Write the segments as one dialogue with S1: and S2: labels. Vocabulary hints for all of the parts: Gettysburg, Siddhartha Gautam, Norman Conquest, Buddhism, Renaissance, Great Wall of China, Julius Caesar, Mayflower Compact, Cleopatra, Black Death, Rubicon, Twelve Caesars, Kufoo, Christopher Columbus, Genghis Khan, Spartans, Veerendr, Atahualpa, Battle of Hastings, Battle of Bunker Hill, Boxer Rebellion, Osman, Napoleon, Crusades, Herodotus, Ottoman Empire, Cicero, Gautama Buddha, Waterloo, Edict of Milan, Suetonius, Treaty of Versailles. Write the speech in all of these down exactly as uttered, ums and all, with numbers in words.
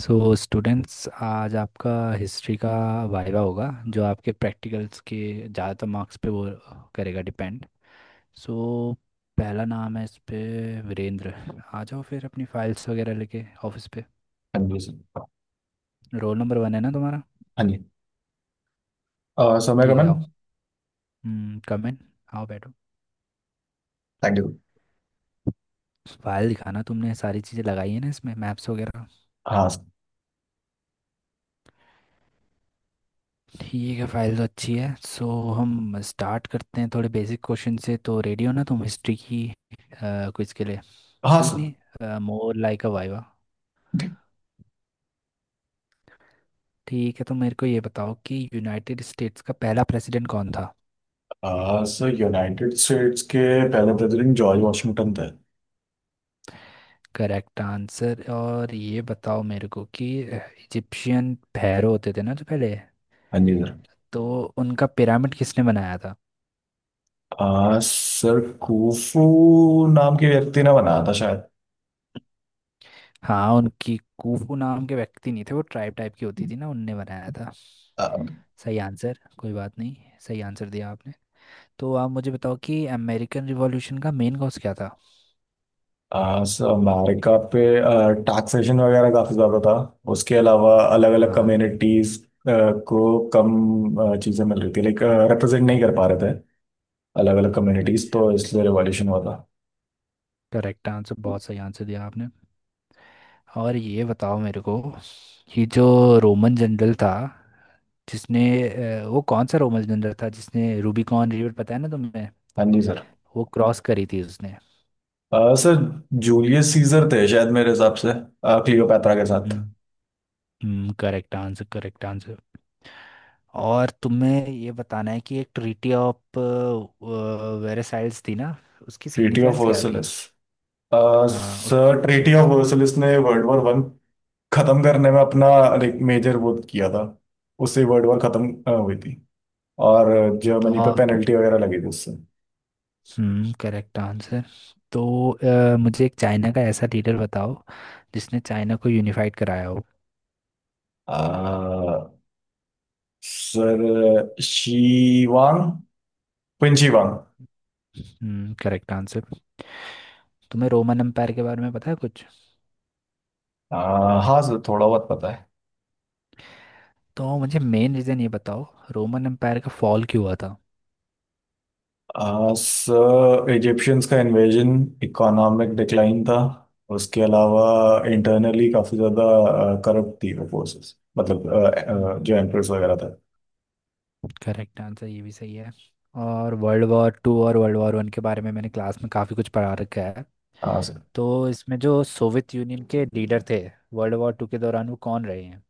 S1: सो students, आज आपका history का वाइवा होगा, जो आपके प्रैक्टिकल्स के ज़्यादातर मार्क्स पे वो करेगा डिपेंड। सो, पहला नाम है इस पे वीरेंद्र। आ जाओ फिर अपनी फाइल्स वगैरह लेके ऑफिस पे।
S2: Amazing.
S1: रोल नंबर वन है ना तुम्हारा?
S2: Onion. Uh, so
S1: ठीक है, आओ।
S2: Megaman,
S1: कम इन। आओ बैठो।
S2: thank you.
S1: फाइल दिखाना, तुमने सारी चीज़ें लगाई है ना इसमें मैप्स वगैरह?
S2: हाँ सर।
S1: ठीक है, फाइल तो अच्छी है। सो हम स्टार्ट करते हैं थोड़े बेसिक क्वेश्चन से। तो रेडी हो ना तुम हिस्ट्री की क्विज के लिए?
S2: हाँ
S1: कुछ
S2: सर।
S1: नहीं, मोर लाइक अ वाइवा। ठीक है, तो मेरे को ये बताओ कि यूनाइटेड स्टेट्स का पहला प्रेसिडेंट कौन था?
S2: अ, सर यूनाइटेड स्टेट्स के पहले प्रेसिडेंट जॉर्ज वाशिंगटन थे।
S1: Correct answer. और ये बताओ मेरे को कि इजिप्शियन pharaoh होते थे ना जो पहले,
S2: हाँ जी सर।
S1: तो उनका पिरामिड किसने बनाया था?
S2: आ, सर कुफू नाम के व्यक्ति ने बनाया था शायद।
S1: हाँ उनकी, कूफू नाम के व्यक्ति नहीं थे, वो ट्राइब टाइप की होती थी ना, उनने बनाया था।
S2: आ,
S1: सही आंसर, कोई बात नहीं। सही आंसर दिया आपने। तो आप मुझे बताओ कि अमेरिकन रिवॉल्यूशन का मेन कॉज क्या था?
S2: सर अमेरिका पे टैक्सेशन वगैरह काफी ज्यादा था। उसके अलावा अलग अलग
S1: हाँ, हाँ।
S2: कम्युनिटीज को कम अ, चीजें मिल रही थी, लाइक रिप्रेजेंट नहीं कर पा रहे थे अलग अलग कम्युनिटीज,
S1: अच्छा,
S2: तो इसलिए रिवॉल्यूशन हुआ था।
S1: Correct answer. बहुत सही आंसर दिया आपने। और ये बताओ मेरे को कि जो रोमन जनरल था जिसने, अ, वो कौन सा रोमन जनरल था जिसने रूबिकॉन रिवर, पता है ना तुम्हें?
S2: हाँ जी सर।
S1: वो क्रॉस करी थी उसने।
S2: आ, सर जूलियस सीजर थे शायद मेरे हिसाब से। आ, क्लियोपैत्रा के साथ।
S1: Hmm, correct answer, correct answer. और तुम्हें ये बताना है कि एक ट्रीटी ऑफ वेरेसाइल्स थी ना, उसकी
S2: ट्रीटी ऑफ
S1: सिग्निफिकेंस क्या थी?
S2: वर्सलिस। आ,
S1: हाँ उसकी,
S2: सर
S1: वो क्या
S2: ट्रीटी ऑफ वर्सलिस ने वर्ल्ड वॉर वन खत्म करने में अपना, लाइक मेजर वो किया था। उससे वर्ल्ड वॉर खत्म आ, हुई थी और जर्मनी पे
S1: थी।
S2: पेनल्टी वगैरह लगी थी उससे।
S1: Hmm, correct answer. तो अ, मुझे एक चाइना का ऐसा लीडर बताओ जिसने चाइना को यूनिफाइड कराया हो।
S2: आ, सर शीवांग, पिंशीवांग।
S1: Hmm, correct answer. तुम्हें रोमन एम्पायर के बारे में पता है कुछ?
S2: हाँ सर थोड़ा बहुत पता है।
S1: तो मुझे मेन रीज़न ये बताओ, रोमन एम्पायर का फॉल क्यों हुआ था?
S2: सर इजिप्शियंस का इन्वेजन, इकोनॉमिक डिक्लाइन था। उसके अलावा इंटरनली काफ़ी ज़्यादा करप्ट थी वो फोर्सेस, मतलब अ, अ,
S1: हम्म,
S2: जो एम्प्रेस वगैरह था।
S1: करेक्ट आंसर, ये भी सही है। और वर्ल्ड वॉर टू और वर्ल्ड वॉर वन के बारे में मैंने क्लास में काफ़ी कुछ पढ़ा रखा है।
S2: हाँ सर।
S1: तो इसमें जो सोवियत यूनियन के लीडर थे वर्ल्ड वॉर टू के दौरान, वो कौन रहे हैं?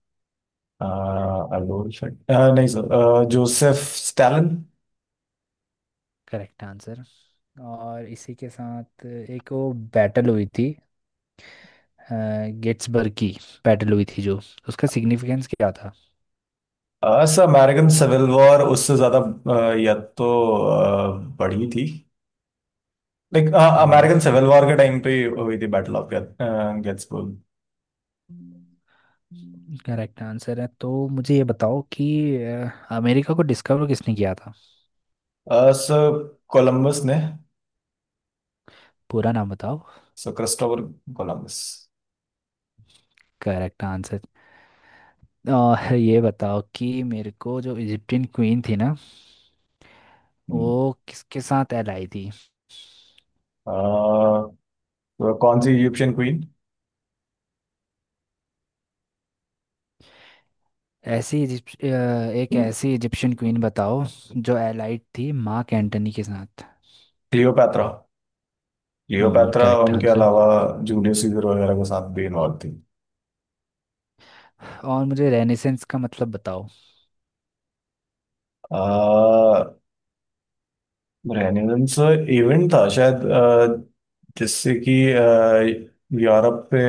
S2: अल्बोल, नहीं सर, अ, जोसेफ स्टालिन।
S1: Correct answer. और इसी के साथ एक वो बैटल हुई थी गेट्सबर्ग की, बैटल हुई थी जो, उसका सिग्निफिकेंस क्या था?
S2: अ, सर अमेरिकन सिविल वॉर उससे ज़्यादा अ, या तो अ, बड़ी थी, like
S1: hmm,
S2: American civil war के टाइम पे हुई थी battle of Gettysburg.
S1: Correct answer है। तो मुझे ये बताओ कि अ, अमेरिका को डिस्कवर किसने किया था?
S2: सर कोलंबस ने।
S1: पूरा नाम बताओ।
S2: Sir Christopher Columbus.
S1: Correct answer. और ये बताओ कि मेरे को जो इजिप्टियन क्वीन थी ना,
S2: हम्म।
S1: वो किसके साथ एलाई थी?
S2: आ, तो कौन सी इजिप्शियन क्वीन?
S1: ऐसी इजिप्ट अ, एक ऐसी इजिप्शियन क्वीन बताओ जो एलाइड थी मार्क एंटनी के साथ।
S2: क्लियोपैत्रा।
S1: हम्म,
S2: क्लियोपैत्रा
S1: करेक्ट
S2: उनके
S1: आंसर।
S2: अलावा जूलियस सीजर वगैरह के साथ भी इन्वॉल्व थी।
S1: और मुझे रेनेसेंस का मतलब बताओ।
S2: आ, रेनेसांस इवेंट था शायद, आ, जिससे कि आ, यूरोप पे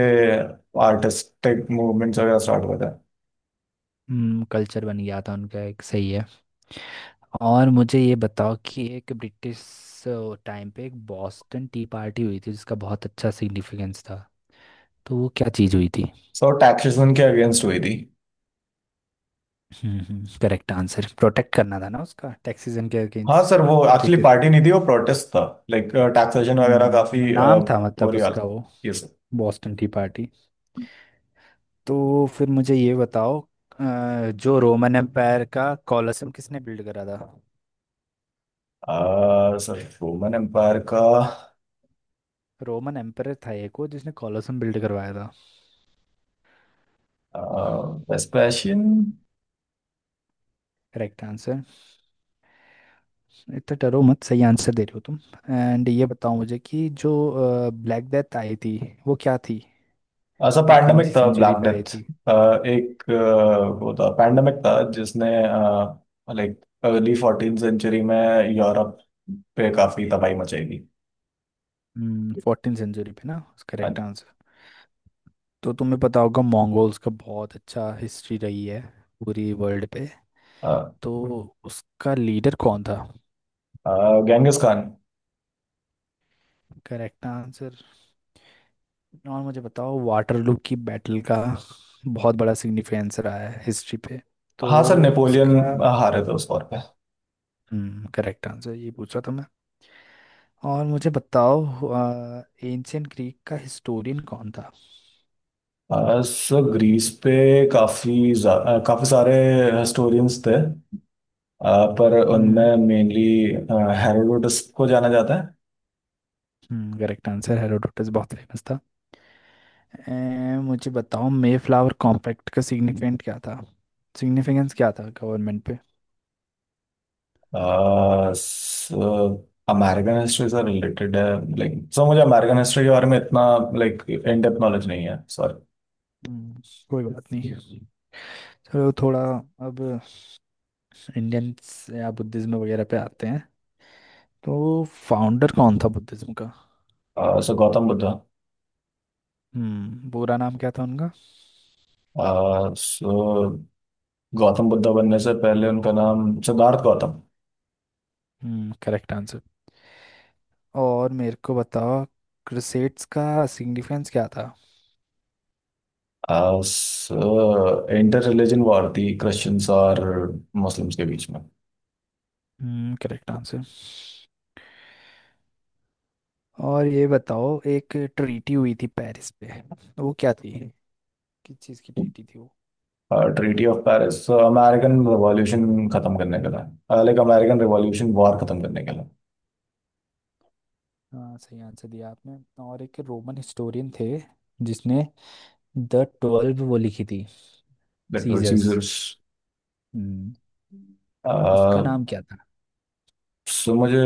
S2: आर्टिस्टिक मूवमेंट्स वगैरह स्टार्ट हुआ था।
S1: हम्म, कल्चर बन गया था उनका एक, सही है। और मुझे ये बताओ कि एक ब्रिटिश टाइम पे एक बॉस्टन टी पार्टी हुई थी जिसका बहुत अच्छा सिग्निफिकेंस था, तो वो क्या चीज़ हुई थी?
S2: सो टैक्सेशन के अगेंस्ट हुई थी।
S1: Hmm, hmm, correct answer. Protect करना था ना उसका, टैक्सेशन के
S2: हाँ
S1: अगेंस्ट।
S2: सर वो एक्चुअली
S1: ब्रिटिश।
S2: पार्टी नहीं थी, वो प्रोटेस्ट था। लाइक टैक्सेशन वगैरह
S1: हम्म,
S2: काफी आ,
S1: नाम था मतलब
S2: बुरी
S1: उसका
S2: हालत,
S1: वो,
S2: ये सर।
S1: Boston tea party. तो फिर मुझे ये बताओ, अ, जो रोमन एम्पायर का कॉलोसम किसने बिल्ड करा था?
S2: आ, सर रोमन एम्पायर का
S1: रोमन एम्परर था एक वो जिसने कॉलोसम बिल्ड करवाया था।
S2: अह, वेस्पेशियन।
S1: Correct answer. इतना डरो मत, सही आंसर दे रहे हो तुम। एंड ये बताओ मुझे कि जो ब्लैक डेथ आई थी, वो क्या थी?
S2: ऐसा
S1: और कौन सी
S2: पैंडमिक था ब्लैक
S1: सेंचुरी पे आई
S2: डेथ।
S1: थी?
S2: एक अ, वो था, पैंडमिक था जिसने, लाइक, अर्ली फोर्टीन सेंचुरी में यूरोप पे काफी तबाही मचाई थी।
S1: फोर्टीन सेंचुरी पे ना?
S2: हाँ
S1: करेक्ट
S2: जी।
S1: आंसर। तो तुम्हें पता होगा मंगोल्स का बहुत अच्छा हिस्ट्री रही है पूरी वर्ल्ड पे,
S2: अ,
S1: तो उसका लीडर कौन था?
S2: अ, गेंगिस खान।
S1: Correct answer. और मुझे बताओ वाटरलू की बैटल का बहुत बड़ा सिग्निफिकेंस रहा है हिस्ट्री पे,
S2: हाँ सर
S1: तो
S2: नेपोलियन
S1: इसका।
S2: हारे थे उस वॉर पे।
S1: हम्म, करेक्ट आंसर, ये पूछ रहा था मैं। और मुझे बताओ एंशियंट ग्रीक का हिस्टोरियन कौन था?
S2: अ, सर ग्रीस पे काफी जा- अ, काफी सारे हिस्टोरियंस थे, अ, पर
S1: हम्म,
S2: उनमें मेनली हेरोडोटस को जाना जाता है।
S1: Hmm, correct answer. हेरोडोटस बहुत फेमस था। ए, मुझे बताओ मे फ्लावर कॉम्पैक्ट का सिग्निफिकेंट क्या था, सिग्निफिकेंस क्या था गवर्नमेंट पे?
S2: आ, स, अमेरिकन हिस्ट्री से रिलेटेड है, लाइक, सो मुझे अमेरिकन हिस्ट्री के बारे में इतना, लाइक, इन डेप्थ नॉलेज नहीं है, सॉरी।
S1: हम्म, कोई बात नहीं। चलो थोड़ा अब इंडियंस या बुद्धिज्म वगैरह पे आते हैं। तो फाउंडर कौन था बुद्धिज्म का?
S2: सो गौतम बुद्धा।
S1: हम्म, पूरा नाम क्या था उनका?
S2: सो गौतम बुद्धा बनने से पहले उनका नाम Siddhartha Gautam.
S1: Hmm, correct answer. और मेरे को बताओ क्रुसेड्स का सिग्निफिकेंस क्या था?
S2: सो इंटर रिलीजन वॉर थी क्रिश्चियंस और मुस्लिम्स के बीच में।
S1: Hmm, correct answer. और ये बताओ, एक ट्रीटी हुई थी पेरिस पे, वो क्या थी? किस चीज़ की ट्रीटी थी वो?
S2: Treaty of Paris American revolution खत्म करने के लिए, लाइक अमेरिकन रिवॉल्यूशन वॉर खत्म करने के लिए।
S1: हाँ, सही आंसर दिया आपने। और एक रोमन हिस्टोरियन थे जिसने द ट्वेल्व वो लिखी थी।
S2: Literal
S1: Caesars.
S2: सीजर्स।
S1: हम्म, उसका नाम क्या था?
S2: सो मुझे,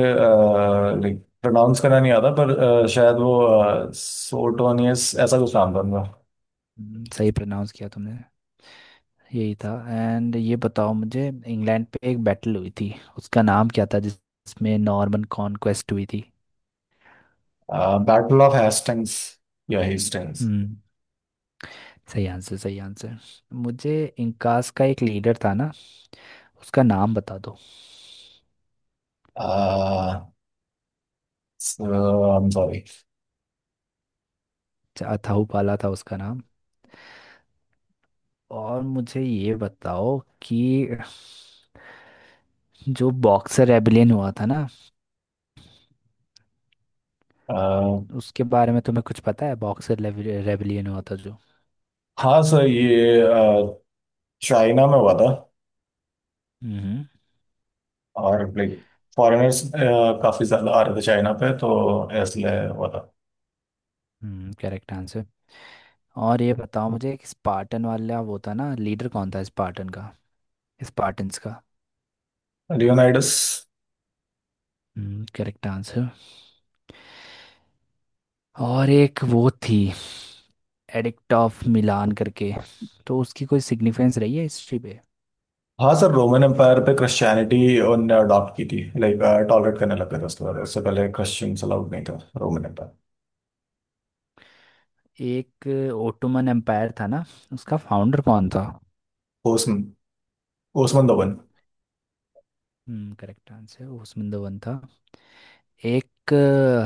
S2: लाइक, प्रोनाउंस करना नहीं आता पर अ, शायद वो सोटोनियस ऐसा कुछ नाम था उनका।
S1: हम्म, सही प्रोनाउंस किया तुमने, यही था। एंड ये बताओ मुझे, इंग्लैंड पे एक बैटल हुई थी, उसका नाम क्या था जिस- जिसमें नॉर्मन कॉन्क्वेस्ट हुई थी?
S2: बैटल ऑफ हेस्टिंग्स या हेस्टिंग्स।
S1: हम्म, सही आंसर, सही आंसर। मुझे इंकास का एक लीडर था ना, उसका नाम बता दो।
S2: So I am sorry.
S1: अच्छा, अथाहुपाला था उसका नाम। और मुझे ये बताओ कि जो बॉक्सर रेबिलियन हुआ था ना, उसके बारे में तुम्हें कुछ पता है, बॉक्सर रेबिलियन हुआ था जो?
S2: हाँ सर ये चाइना में हुआ था।
S1: हम्म,
S2: और, लाइक, फॉरेनर्स काफ़ी ज़्यादा आ रहे थे चाइना पे, तो इसलिए हुआ था।
S1: Hmm, correct answer. और ये बताओ मुझे कि स्पार्टन वाला वो था ना, लीडर कौन था स्पार्टन का, स्पार्टन्स का?
S2: लियोनाइडस।
S1: Hmm, correct answer. और एक वो थी एडिक्ट ऑफ मिलान करके, तो उसकी कोई सिग्निफिकेंस रही है हिस्ट्री पे?
S2: हाँ सर रोमन एम्पायर पे क्रिश्चियनिटी उनने अडॉप्ट की थी, लाइक टॉलरेट करने लग गए थे उसके बाद। उससे पहले क्रिश्चियंस अलाउड नहीं था रोमन एम्पायर।
S1: एक ओटोमन एम्पायर था ना, उसका फाउंडर कौन था?
S2: ओसमन, ओसमन दोवन।
S1: Hmm, correct answer, Osman one था। एक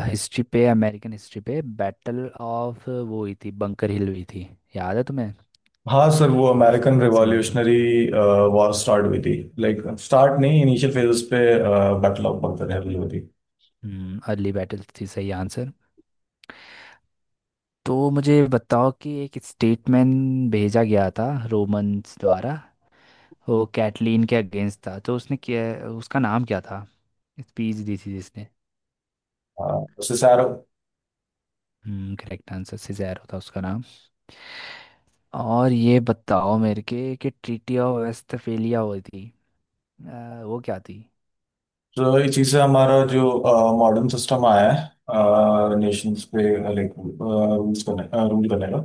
S1: हिस्ट्री पे, अमेरिकन हिस्ट्री पे, बैटल ऑफ वो हुई थी, बंकर हिल हुई थी, याद है तुम्हें?
S2: हाँ सर वो
S1: तो उसका
S2: अमेरिकन
S1: क्या सिग्निफिकेंस?
S2: रिवॉल्यूशनरी वॉर स्टार्ट हुई थी, लाइक स्टार्ट नहीं इनिशियल फेजेस पे बैटल ऑफ बंकर हिल हुई थी।
S1: हम्म, अर्ली बैटल थी, सही आंसर। तो मुझे बताओ कि एक स्टेटमेंट भेजा गया था रोमन्स द्वारा, वो कैटलीन के अगेंस्ट था, तो उसने क्या, उसका नाम क्या था, स्पीच दी थी जिसने?
S2: हाँ, उससे sir.
S1: Hmm, correct answer, Cicero था उसका नाम। और ये बताओ मेरे के कि ट्रीटी ऑफ वेस्टफेलिया हुई थी, अ, वो क्या थी?
S2: तो इस चीज़ से हमारा जो मॉडर्न सिस्टम आया है नेशंस पे, लाइक रूल्स करने रूल करने का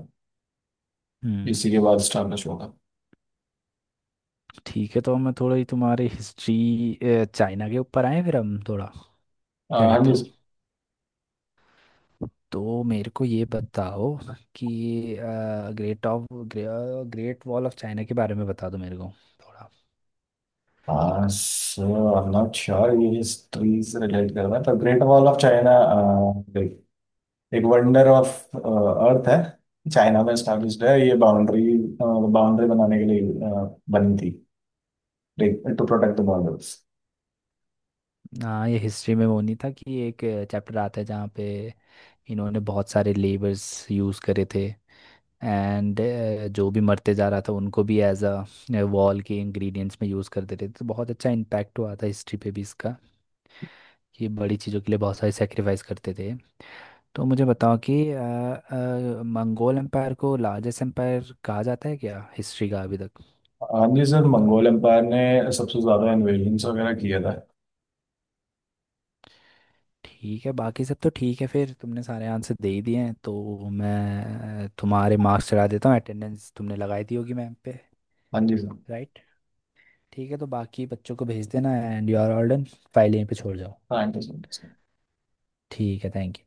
S1: हम्म,
S2: इसी के बाद स्टार्निश होगा।
S1: ठीक है। तो मैं थोड़ा ही तुम्हारी हिस्ट्री चाइना के ऊपर आए फिर हम थोड़ा,
S2: अह,
S1: क्या
S2: हाँ
S1: कहते हो?
S2: जी।
S1: तो मेरे को ये बताओ कि great of great wall of China के बारे में बता दो मेरे को थोड़ा।
S2: हाँ so I am not sure ये हिस्ट्री से रिलेट कर रहा है पर ग्रेट वॉल ऑफ चाइना एक वंडर ऑफ अर्थ है। चाइना में स्टैब्लिश्ड है, ये बाउंड्री बाउंड्री बनाने के लिए अह, बनी थी, टू प्रोटेक्ट द बॉर्डर्स।
S1: हाँ, ये हिस्ट्री में वो नहीं था कि एक चैप्टर आता है जहाँ पे इन्होंने बहुत सारे लेबर्स यूज़ करे थे, एंड जो भी मरते जा रहा था उनको भी एज अ वॉल के इंग्रेडिएंट्स में यूज़ करते थे। तो बहुत अच्छा इम्पैक्ट हुआ था हिस्ट्री पे भी इसका, कि बड़ी चीज़ों के लिए बहुत सारे सेक्रीफाइस करते थे। तो मुझे बताओ कि अ, अ, मंगोल एम्पायर को लार्जेस्ट एम्पायर कहा जाता है क्या हिस्ट्री का अभी तक?
S2: हाँ जी सर मंगोल एम्पायर ने सबसे ज्यादा इन्वेजन वगैरह किया था।
S1: ठीक है, बाकी सब तो ठीक है। फिर तुमने सारे आंसर दे ही दिए हैं तो मैं अ, तुम्हारे मार्क्स चढ़ा देता हूँ। अटेंडेंस तुमने लगाई दी होगी मैम पे?
S2: हाँ जी सर।
S1: राइट। ठीक है, तो बाकी बच्चों को भेज देना, and you are all done. File यहीं पे छोड़ जाओ।
S2: Thank you so much.
S1: ठीक है, थैंक यू।